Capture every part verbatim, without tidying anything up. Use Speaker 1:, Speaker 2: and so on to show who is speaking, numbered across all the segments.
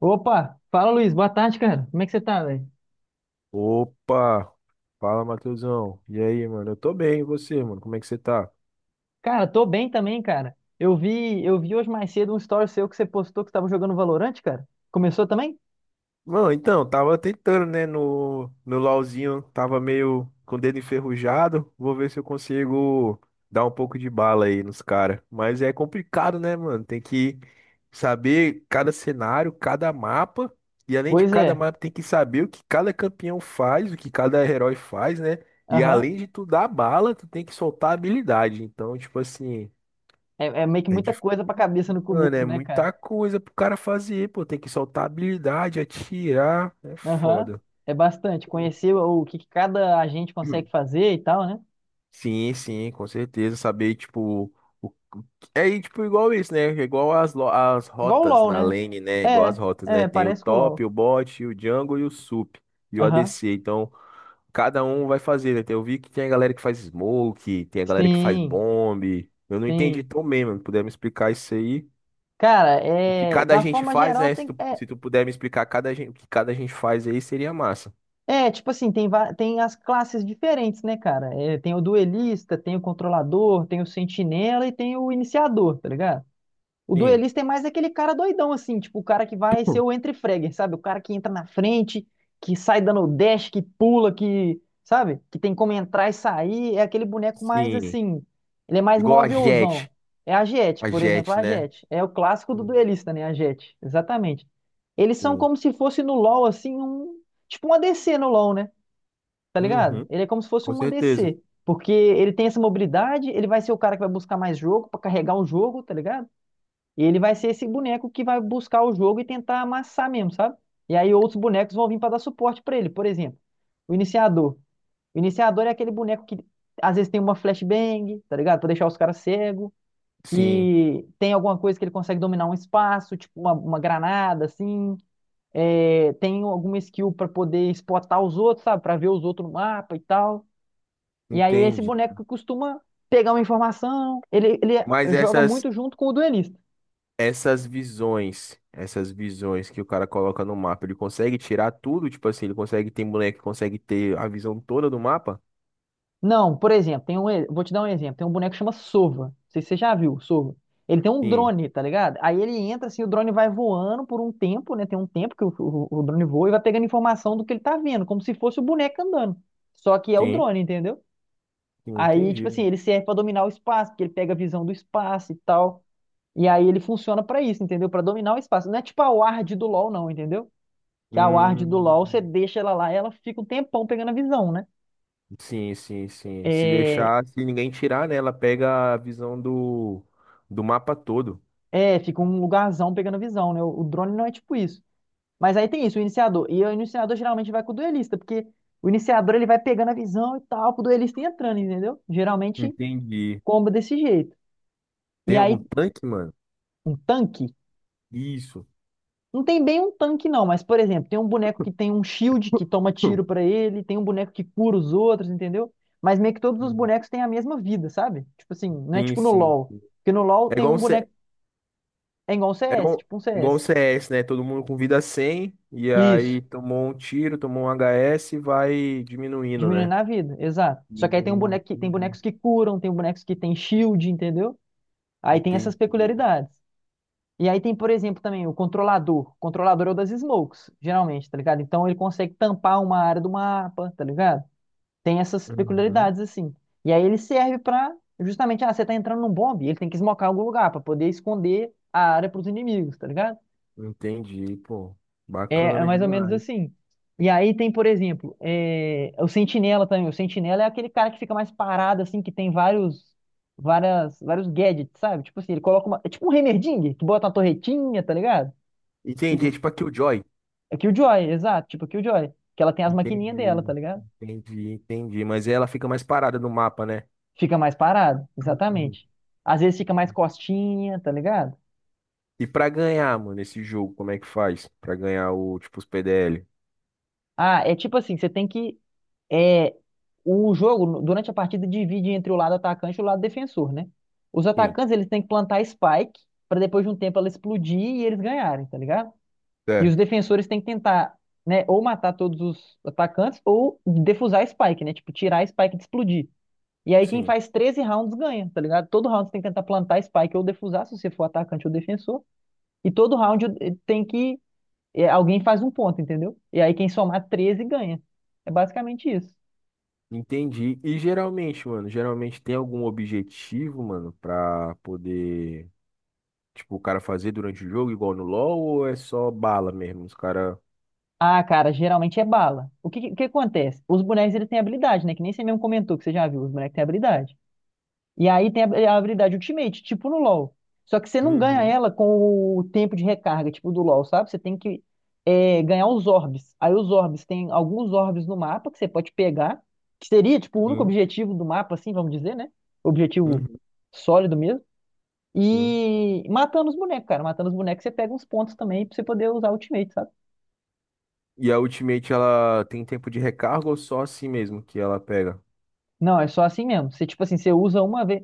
Speaker 1: Opa, fala Luiz, boa tarde, cara. Como é que você tá, velho?
Speaker 2: Opa! Fala, Matheusão. E aí, mano? Eu tô bem, e você, mano? Como é que você tá?
Speaker 1: Cara, tô bem também, cara. Eu vi, eu vi hoje mais cedo um story seu que você postou que você tava jogando Valorant, cara. Começou também?
Speaker 2: Mano, então, tava tentando, né, no, no LOLzinho, tava meio com o dedo enferrujado. Vou ver se eu consigo dar um pouco de bala aí nos caras. Mas é complicado, né, mano? Tem que saber cada cenário, cada mapa. E além de
Speaker 1: Pois
Speaker 2: cada
Speaker 1: é.
Speaker 2: mapa, tem que saber o que cada campeão faz, o que cada herói faz, né? E
Speaker 1: Aham.
Speaker 2: além de tu dar bala, tu tem que soltar habilidade. Então, tipo assim.
Speaker 1: É, é meio que
Speaker 2: É
Speaker 1: muita
Speaker 2: difícil,
Speaker 1: coisa pra cabeça no
Speaker 2: mano.
Speaker 1: começo,
Speaker 2: É
Speaker 1: né,
Speaker 2: muita
Speaker 1: cara?
Speaker 2: coisa pro cara fazer, pô. Tem que soltar habilidade, atirar. É
Speaker 1: Aham.
Speaker 2: foda.
Speaker 1: É bastante. Conhecer o que que cada agente consegue
Speaker 2: Hum.
Speaker 1: fazer e tal, né?
Speaker 2: Sim, sim, com certeza. Saber, tipo, o que... é tipo igual isso, né? É igual as, lo- as
Speaker 1: Igual o
Speaker 2: rotas
Speaker 1: LoL,
Speaker 2: na
Speaker 1: né?
Speaker 2: lane, né? Igual as
Speaker 1: É,
Speaker 2: rotas, né?
Speaker 1: é,
Speaker 2: Tem o
Speaker 1: parece com o
Speaker 2: top,
Speaker 1: LoL.
Speaker 2: o bot, o jungle e o sup e o
Speaker 1: Aham.
Speaker 2: A D C. Então, cada um vai fazer, né? Tem... Eu vi que tem a galera que faz smoke, tem a galera que faz
Speaker 1: Sim,
Speaker 2: bomb. Eu não entendi
Speaker 1: sim.
Speaker 2: tão bem, mano. Puder me explicar isso aí?
Speaker 1: Cara,
Speaker 2: O que
Speaker 1: é,
Speaker 2: cada
Speaker 1: da
Speaker 2: gente
Speaker 1: forma
Speaker 2: faz,
Speaker 1: geral,
Speaker 2: né? Se
Speaker 1: tem,
Speaker 2: tu,
Speaker 1: é
Speaker 2: se tu puder me explicar cada gente, o que cada gente faz aí, seria massa.
Speaker 1: É, tipo assim, tem, va- tem as classes diferentes, né, cara? É, tem o duelista, tem o controlador, tem o sentinela e tem o iniciador, tá ligado? O
Speaker 2: Sim.
Speaker 1: duelista é mais aquele cara doidão, assim, tipo, o cara que vai ser
Speaker 2: Hum.
Speaker 1: o entre-fragger, sabe? O cara que entra na frente, que sai dando o dash, que pula, que, sabe? Que tem como entrar e sair. É aquele boneco mais,
Speaker 2: Sim.
Speaker 1: assim, ele é mais
Speaker 2: Igual a
Speaker 1: movilzão.
Speaker 2: Jet.
Speaker 1: É a Jett,
Speaker 2: A
Speaker 1: por exemplo,
Speaker 2: Jet,
Speaker 1: a
Speaker 2: né?
Speaker 1: Jett. É o clássico do
Speaker 2: Sim.
Speaker 1: duelista, né? A Jett, exatamente. Eles são
Speaker 2: Sim.
Speaker 1: como se fosse no LoL, assim, um, tipo um A D C no LoL, né? Tá ligado?
Speaker 2: Uhum,
Speaker 1: Ele é como se fosse
Speaker 2: com
Speaker 1: um
Speaker 2: certeza.
Speaker 1: A D C. Porque ele tem essa mobilidade, ele vai ser o cara que vai buscar mais jogo pra carregar o jogo, tá ligado? E ele vai ser esse boneco que vai buscar o jogo e tentar amassar mesmo, sabe? E aí outros bonecos vão vir para dar suporte para ele. Por exemplo, o iniciador. O iniciador é aquele boneco que às vezes tem uma flashbang, tá ligado? Pra deixar os caras cegos.
Speaker 2: Sim,
Speaker 1: Que tem alguma coisa que ele consegue dominar um espaço, tipo uma, uma granada, assim. É, tem alguma skill para poder spotar os outros, sabe? Para ver os outros no mapa e tal. E aí é esse
Speaker 2: entendi.
Speaker 1: boneco que costuma pegar uma informação. Ele, ele
Speaker 2: Mas
Speaker 1: joga
Speaker 2: essas,
Speaker 1: muito junto com o duelista.
Speaker 2: essas visões, essas visões que o cara coloca no mapa, ele consegue tirar tudo? Tipo assim, ele consegue ter boneco, que consegue ter a visão toda do mapa?
Speaker 1: Não, por exemplo, tem um, e- vou te dar um exemplo. Tem um boneco que chama Sova. Não sei se você já viu, Sova. Ele tem um
Speaker 2: Sim,
Speaker 1: drone, tá ligado? Aí ele entra assim, o drone vai voando por um tempo, né? Tem um tempo que o, o- o drone voa e vai pegando informação do que ele tá vendo, como se fosse o boneco andando. Só que é o
Speaker 2: sim,
Speaker 1: drone, entendeu?
Speaker 2: sim,
Speaker 1: Aí, tipo
Speaker 2: entendi.
Speaker 1: assim, ele serve pra dominar o espaço, porque ele pega a visão do espaço e tal. E aí ele funciona pra isso, entendeu? Pra dominar o espaço. Não é tipo a Ward do LoL, não, entendeu? Que a Ward do
Speaker 2: Hum.
Speaker 1: LoL, você deixa ela lá, ela fica um tempão pegando a visão, né?
Speaker 2: Sim, sim, sim. Se
Speaker 1: É,
Speaker 2: deixar, se ninguém tirar, né, ela pega a visão do, do mapa todo.
Speaker 1: É, fica um lugarzão pegando visão, né? O, o drone não é tipo isso. Mas aí tem isso, o iniciador. E o iniciador geralmente vai com o duelista, porque o iniciador ele vai pegando a visão e tal, pro duelista ir entrando, entendeu? Geralmente
Speaker 2: Entendi.
Speaker 1: comba desse jeito. E
Speaker 2: Tem algum
Speaker 1: aí,
Speaker 2: tanque, mano?
Speaker 1: um tanque.
Speaker 2: Isso.
Speaker 1: Não tem bem um tanque, não, mas, por exemplo, tem um boneco que tem um shield que toma tiro pra ele, tem um boneco que cura os outros, entendeu? Mas meio que todos os
Speaker 2: Hum.
Speaker 1: bonecos têm a mesma vida, sabe? Tipo assim, não é
Speaker 2: Sim,
Speaker 1: tipo no
Speaker 2: sim.
Speaker 1: LoL. Porque no LoL
Speaker 2: É
Speaker 1: tem
Speaker 2: igual um,
Speaker 1: um
Speaker 2: C...
Speaker 1: boneco. É igual um
Speaker 2: é
Speaker 1: C S,
Speaker 2: igual...
Speaker 1: tipo um
Speaker 2: igual um
Speaker 1: C S.
Speaker 2: C S, né? Todo mundo com vida cem e
Speaker 1: Isso.
Speaker 2: aí tomou um tiro, tomou um H S e vai diminuindo,
Speaker 1: Diminuindo
Speaker 2: né?
Speaker 1: a vida, exato. Só que aí tem um
Speaker 2: Hum,
Speaker 1: boneco que, tem
Speaker 2: entendi.
Speaker 1: bonecos que curam, tem bonecos que tem shield, entendeu? Aí tem
Speaker 2: Entendi.
Speaker 1: essas peculiaridades. E aí tem, por exemplo, também o controlador. O controlador é o das smokes, geralmente, tá ligado? Então ele consegue tampar uma área do mapa, tá ligado? Tem essas
Speaker 2: Uhum.
Speaker 1: peculiaridades assim. E aí ele serve pra justamente, ah, você tá entrando num bombe, ele tem que esmocar algum lugar pra poder esconder a área pros inimigos, tá ligado?
Speaker 2: Entendi, pô.
Speaker 1: É, é
Speaker 2: Bacana
Speaker 1: mais ou menos
Speaker 2: demais.
Speaker 1: assim. E aí tem, por exemplo, é, o Sentinela também. O Sentinela é aquele cara que fica mais parado, assim, que tem vários, várias, vários gadgets, sabe? Tipo assim, ele coloca uma. É tipo um Heimerdinger, que bota uma torretinha, tá ligado? E,
Speaker 2: Entendi. É tipo a Killjoy.
Speaker 1: é Killjoy, exato, tipo Killjoy. Que ela tem as maquininhas dela, tá
Speaker 2: Entendi,
Speaker 1: ligado?
Speaker 2: entendi, entendi. Mas ela fica mais parada no mapa, né?
Speaker 1: Fica mais parado,
Speaker 2: Uhum.
Speaker 1: exatamente. Às vezes fica mais costinha, tá ligado?
Speaker 2: E pra ganhar, mano, esse jogo, como é que faz? Pra ganhar o, tipo, os P D L?
Speaker 1: Ah, é tipo assim, você tem que É, o jogo, durante a partida, divide entre o lado atacante e o lado defensor, né? Os
Speaker 2: Sim.
Speaker 1: atacantes, eles têm que plantar spike para depois de um tempo ela explodir e eles ganharem, tá ligado? E os
Speaker 2: Certo.
Speaker 1: defensores têm que tentar, né, ou matar todos os atacantes ou defusar a spike, né? Tipo, tirar a spike de explodir. E aí quem
Speaker 2: Sim.
Speaker 1: faz treze rounds ganha, tá ligado? Todo round você tem que tentar plantar a spike ou defusar, se você for atacante ou defensor. E todo round eh, tem que... eh, Alguém faz um ponto, entendeu? E aí quem somar treze ganha. É basicamente isso.
Speaker 2: Entendi. E geralmente, mano, geralmente tem algum objetivo, mano, pra poder, tipo, o cara fazer durante o jogo, igual no LoL, ou é só bala mesmo? Os cara.
Speaker 1: Ah, cara, geralmente é bala. O que, que que acontece? Os bonecos eles têm habilidade, né? Que nem você mesmo comentou que você já viu, os bonecos têm habilidade. E aí tem a, a habilidade Ultimate, tipo no LoL. Só que você não ganha
Speaker 2: Uhum,
Speaker 1: ela com o tempo de recarga, tipo do LoL, sabe? Você tem que é, ganhar os orbes. Aí os orbes, tem alguns orbes no mapa que você pode pegar, que seria, tipo, o único
Speaker 2: sim,
Speaker 1: objetivo do mapa, assim, vamos dizer, né? Objetivo
Speaker 2: uhum,
Speaker 1: sólido mesmo.
Speaker 2: sim.
Speaker 1: E matando os bonecos, cara. Matando os bonecos, você pega uns pontos também pra você poder usar Ultimate, sabe?
Speaker 2: E a Ultimate, ela tem tempo de recarga ou só assim mesmo que ela pega?
Speaker 1: Não, é só assim mesmo. Você, tipo assim, você usa uma vez.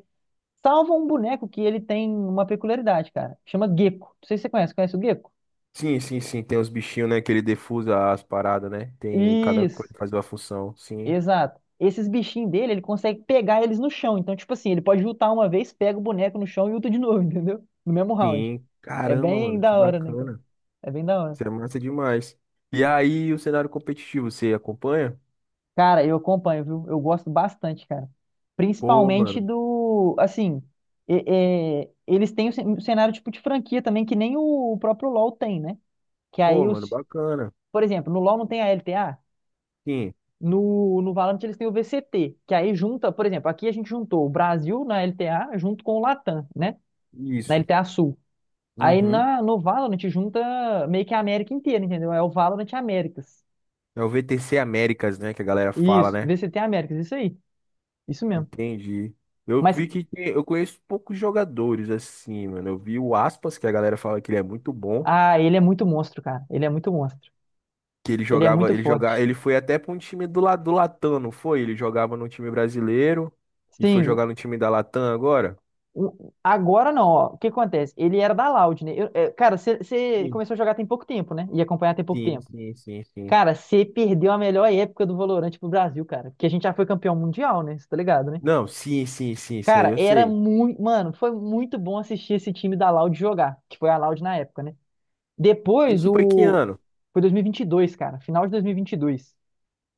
Speaker 1: Salva um boneco que ele tem uma peculiaridade, cara. Chama Gecko. Não sei se você conhece. Conhece o Gecko?
Speaker 2: Sim, sim, sim. Tem os bichinhos, né? Que ele defusa as paradas, né? Tem cada
Speaker 1: Isso,
Speaker 2: coisa faz uma função. Sim,
Speaker 1: exato. Esses bichinhos dele, ele consegue pegar eles no chão. Então, tipo assim, ele pode lutar uma vez, pega o boneco no chão e luta de novo, entendeu? No mesmo round.
Speaker 2: sim.
Speaker 1: É
Speaker 2: Caramba,
Speaker 1: bem
Speaker 2: mano, que
Speaker 1: da hora, né, cara?
Speaker 2: bacana.
Speaker 1: É bem da
Speaker 2: Isso
Speaker 1: hora.
Speaker 2: é massa demais. E aí, o cenário competitivo, você acompanha?
Speaker 1: Cara, eu acompanho, viu? Eu gosto bastante, cara.
Speaker 2: Pô,
Speaker 1: Principalmente
Speaker 2: mano.
Speaker 1: do. Assim, é- é, eles têm o cen- um cenário tipo de franquia também, que nem o próprio LoL tem, né? Que
Speaker 2: Pô,
Speaker 1: aí
Speaker 2: mano,
Speaker 1: os,
Speaker 2: bacana.
Speaker 1: por exemplo, no LoL não tem a L T A,
Speaker 2: Sim,
Speaker 1: no, no Valorant eles têm o V C T, que aí junta, por exemplo, aqui a gente juntou o Brasil na L T A junto com o Latam, né? Na
Speaker 2: isso.
Speaker 1: L T A Sul. Aí
Speaker 2: Uhum.
Speaker 1: na, no Valorant junta meio que a América inteira, entendeu? É o Valorant Américas.
Speaker 2: É o V T C Américas, né? Que a galera fala,
Speaker 1: Isso,
Speaker 2: né?
Speaker 1: V C T Américas, isso aí. Isso mesmo.
Speaker 2: Entendi. Eu
Speaker 1: Mas,
Speaker 2: vi que tem... eu conheço poucos jogadores assim, mano. Eu vi o Aspas, que a galera fala que ele é muito bom.
Speaker 1: ah, ele é muito monstro, cara. Ele é muito monstro.
Speaker 2: Que ele
Speaker 1: Ele é
Speaker 2: jogava,
Speaker 1: muito
Speaker 2: ele jogava,
Speaker 1: forte.
Speaker 2: ele foi até pra um time do lado do Latam, não foi? Ele jogava no time brasileiro e foi
Speaker 1: Sim,
Speaker 2: jogar no time da Latam agora?
Speaker 1: o- agora não, ó. O que acontece? Ele era da Loud, né? Eu- é, cara, você
Speaker 2: Sim,
Speaker 1: começou a jogar tem pouco tempo, né? E acompanhar tem pouco
Speaker 2: sim,
Speaker 1: tempo.
Speaker 2: sim, sim. Sim.
Speaker 1: Cara, você perdeu a melhor época do Valorante pro Brasil, cara. Porque a gente já foi campeão mundial, né? Você tá ligado, né?
Speaker 2: Não, sim, sim, sim, isso aí
Speaker 1: Cara,
Speaker 2: eu
Speaker 1: era
Speaker 2: sei.
Speaker 1: muito. Mano, foi muito bom assistir esse time da Loud jogar, que foi a Loud na época, né? Depois,
Speaker 2: Isso foi que
Speaker 1: o.
Speaker 2: ano?
Speaker 1: Foi dois mil e e vinte e dois, cara. Final de dois mil e e vinte e dois.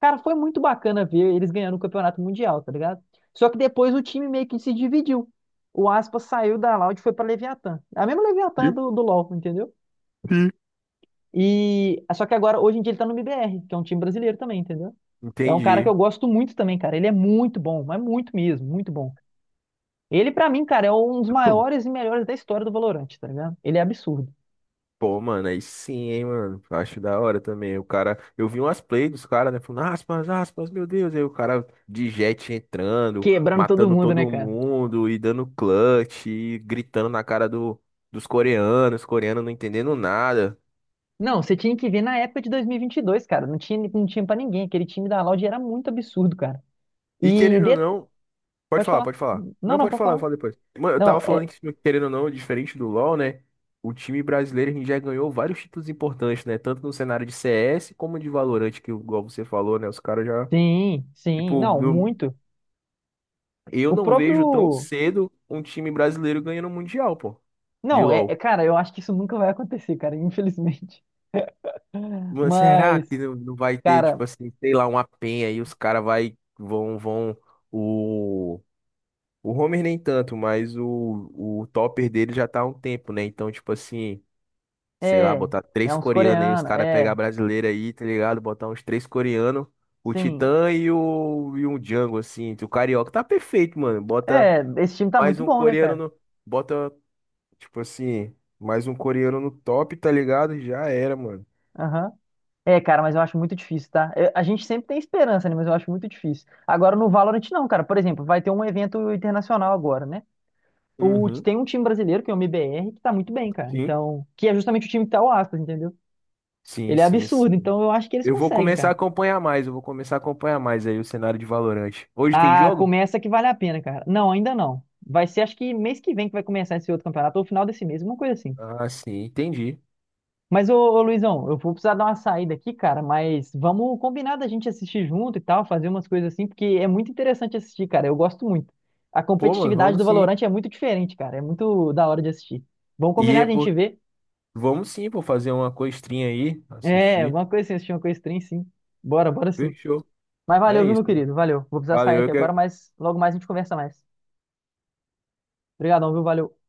Speaker 1: Cara, foi muito bacana ver eles ganhando o campeonato mundial, tá ligado? Só que depois o time meio que se dividiu. O Aspas saiu da Loud e foi pra Leviatã. A mesma Leviatã
Speaker 2: Sim,
Speaker 1: do, do LoL, entendeu?
Speaker 2: sim.
Speaker 1: E só que agora, hoje em dia, ele tá no M B R, que é um time brasileiro também, entendeu? É um cara que eu
Speaker 2: Entendi.
Speaker 1: gosto muito também, cara. Ele é muito bom, mas muito mesmo, muito bom. Ele, pra mim, cara, é um dos maiores e melhores da história do Valorant, tá ligado? Ele é absurdo.
Speaker 2: Pô, mano, aí sim, hein, mano. Acho da hora também. O cara, eu vi umas plays dos caras, né? Falando, aspas, aspas, meu Deus. Aí o cara de jet entrando,
Speaker 1: Quebrando todo
Speaker 2: matando
Speaker 1: mundo, né,
Speaker 2: todo
Speaker 1: cara?
Speaker 2: mundo e dando clutch, e gritando na cara do, dos coreanos, coreanos não entendendo nada.
Speaker 1: Não, você tinha que ver na época de dois mil e vinte e dois, cara. Não tinha, não tinha pra ninguém. Aquele time da Loud era muito absurdo, cara.
Speaker 2: E
Speaker 1: E.
Speaker 2: querendo ou
Speaker 1: de-
Speaker 2: não, pode
Speaker 1: Pode
Speaker 2: falar,
Speaker 1: falar.
Speaker 2: pode falar.
Speaker 1: Não,
Speaker 2: Não,
Speaker 1: não,
Speaker 2: pode
Speaker 1: pode
Speaker 2: falar, eu
Speaker 1: falar.
Speaker 2: falo depois. Mano, eu tava
Speaker 1: Não, é.
Speaker 2: falando que, querendo ou não, diferente do LoL, né? O time brasileiro a gente já ganhou vários títulos importantes, né? Tanto no cenário de C S como de Valorant, que igual você falou, né? Os caras já.
Speaker 1: Sim, sim.
Speaker 2: Tipo,
Speaker 1: Não,
Speaker 2: no...
Speaker 1: muito.
Speaker 2: Eu
Speaker 1: O
Speaker 2: não vejo tão
Speaker 1: próprio.
Speaker 2: cedo um time brasileiro ganhando o Mundial, pô, de
Speaker 1: Não, é, é-
Speaker 2: LoL.
Speaker 1: cara, eu acho que isso nunca vai acontecer, cara, infelizmente.
Speaker 2: Mas será
Speaker 1: Mas,
Speaker 2: que não não vai ter,
Speaker 1: cara,
Speaker 2: tipo assim, sei lá, uma penha e os caras vai, vão, vão, o... O Homer nem tanto, mas o, o topper dele já tá há um tempo, né? Então, tipo assim, sei lá,
Speaker 1: é.
Speaker 2: botar
Speaker 1: É
Speaker 2: três
Speaker 1: uns
Speaker 2: coreanos aí, os
Speaker 1: coreanos,
Speaker 2: caras pegar
Speaker 1: é.
Speaker 2: brasileiro aí, tá ligado? Botar uns três coreanos, o
Speaker 1: Sim.
Speaker 2: Titã e o, e um Django, assim, o Carioca. Tá perfeito, mano. Bota
Speaker 1: É, esse time tá
Speaker 2: mais
Speaker 1: muito
Speaker 2: um
Speaker 1: bom, né,
Speaker 2: coreano
Speaker 1: cara?
Speaker 2: no... Bota Tipo assim, mais um coreano no top, tá ligado? Já era, mano.
Speaker 1: Aham. É, cara, mas eu acho muito difícil, tá? Eu- a gente sempre tem esperança, né? Mas eu acho muito difícil. Agora no Valorant, não, cara. Por exemplo, vai ter um evento internacional agora, né? O,
Speaker 2: Uhum.
Speaker 1: tem um time brasileiro, que é o M B R, que tá muito bem, cara.
Speaker 2: Sim.
Speaker 1: Então, que é justamente o time que tá o Aspas, entendeu?
Speaker 2: Sim,
Speaker 1: Ele é
Speaker 2: sim,
Speaker 1: absurdo,
Speaker 2: sim.
Speaker 1: então eu acho que eles
Speaker 2: Eu vou
Speaker 1: conseguem,
Speaker 2: começar a
Speaker 1: cara.
Speaker 2: acompanhar mais, eu vou começar a acompanhar mais aí o cenário de Valorant. Hoje tem
Speaker 1: Ah,
Speaker 2: jogo?
Speaker 1: começa que vale a pena, cara. Não, ainda não. Vai ser acho que mês que vem que vai começar esse outro campeonato, ou final desse mês, uma coisa assim.
Speaker 2: Ah, sim, entendi.
Speaker 1: Mas, ô, ô, Luizão, eu vou precisar dar uma saída aqui, cara, mas vamos combinar da gente assistir junto e tal, fazer umas coisas assim, porque é muito interessante assistir, cara. Eu gosto muito. A
Speaker 2: Pô, mano,
Speaker 1: competitividade do
Speaker 2: vamos sim.
Speaker 1: Valorant é muito diferente, cara. É muito da hora de assistir. Vamos
Speaker 2: E
Speaker 1: combinar
Speaker 2: é
Speaker 1: de a gente
Speaker 2: por...
Speaker 1: ver.
Speaker 2: Vamos sim, pô, fazer uma costrinha aí,
Speaker 1: É,
Speaker 2: assistir.
Speaker 1: alguma coisa assim, assistir uma coisa estranha, sim. Bora, bora sim.
Speaker 2: Fechou.
Speaker 1: Mas valeu,
Speaker 2: É
Speaker 1: viu, meu
Speaker 2: isso, mano.
Speaker 1: querido? Valeu. Vou precisar sair
Speaker 2: Valeu,
Speaker 1: aqui
Speaker 2: eu
Speaker 1: agora,
Speaker 2: que
Speaker 1: mas logo mais a gente conversa mais. Obrigadão, viu? Valeu.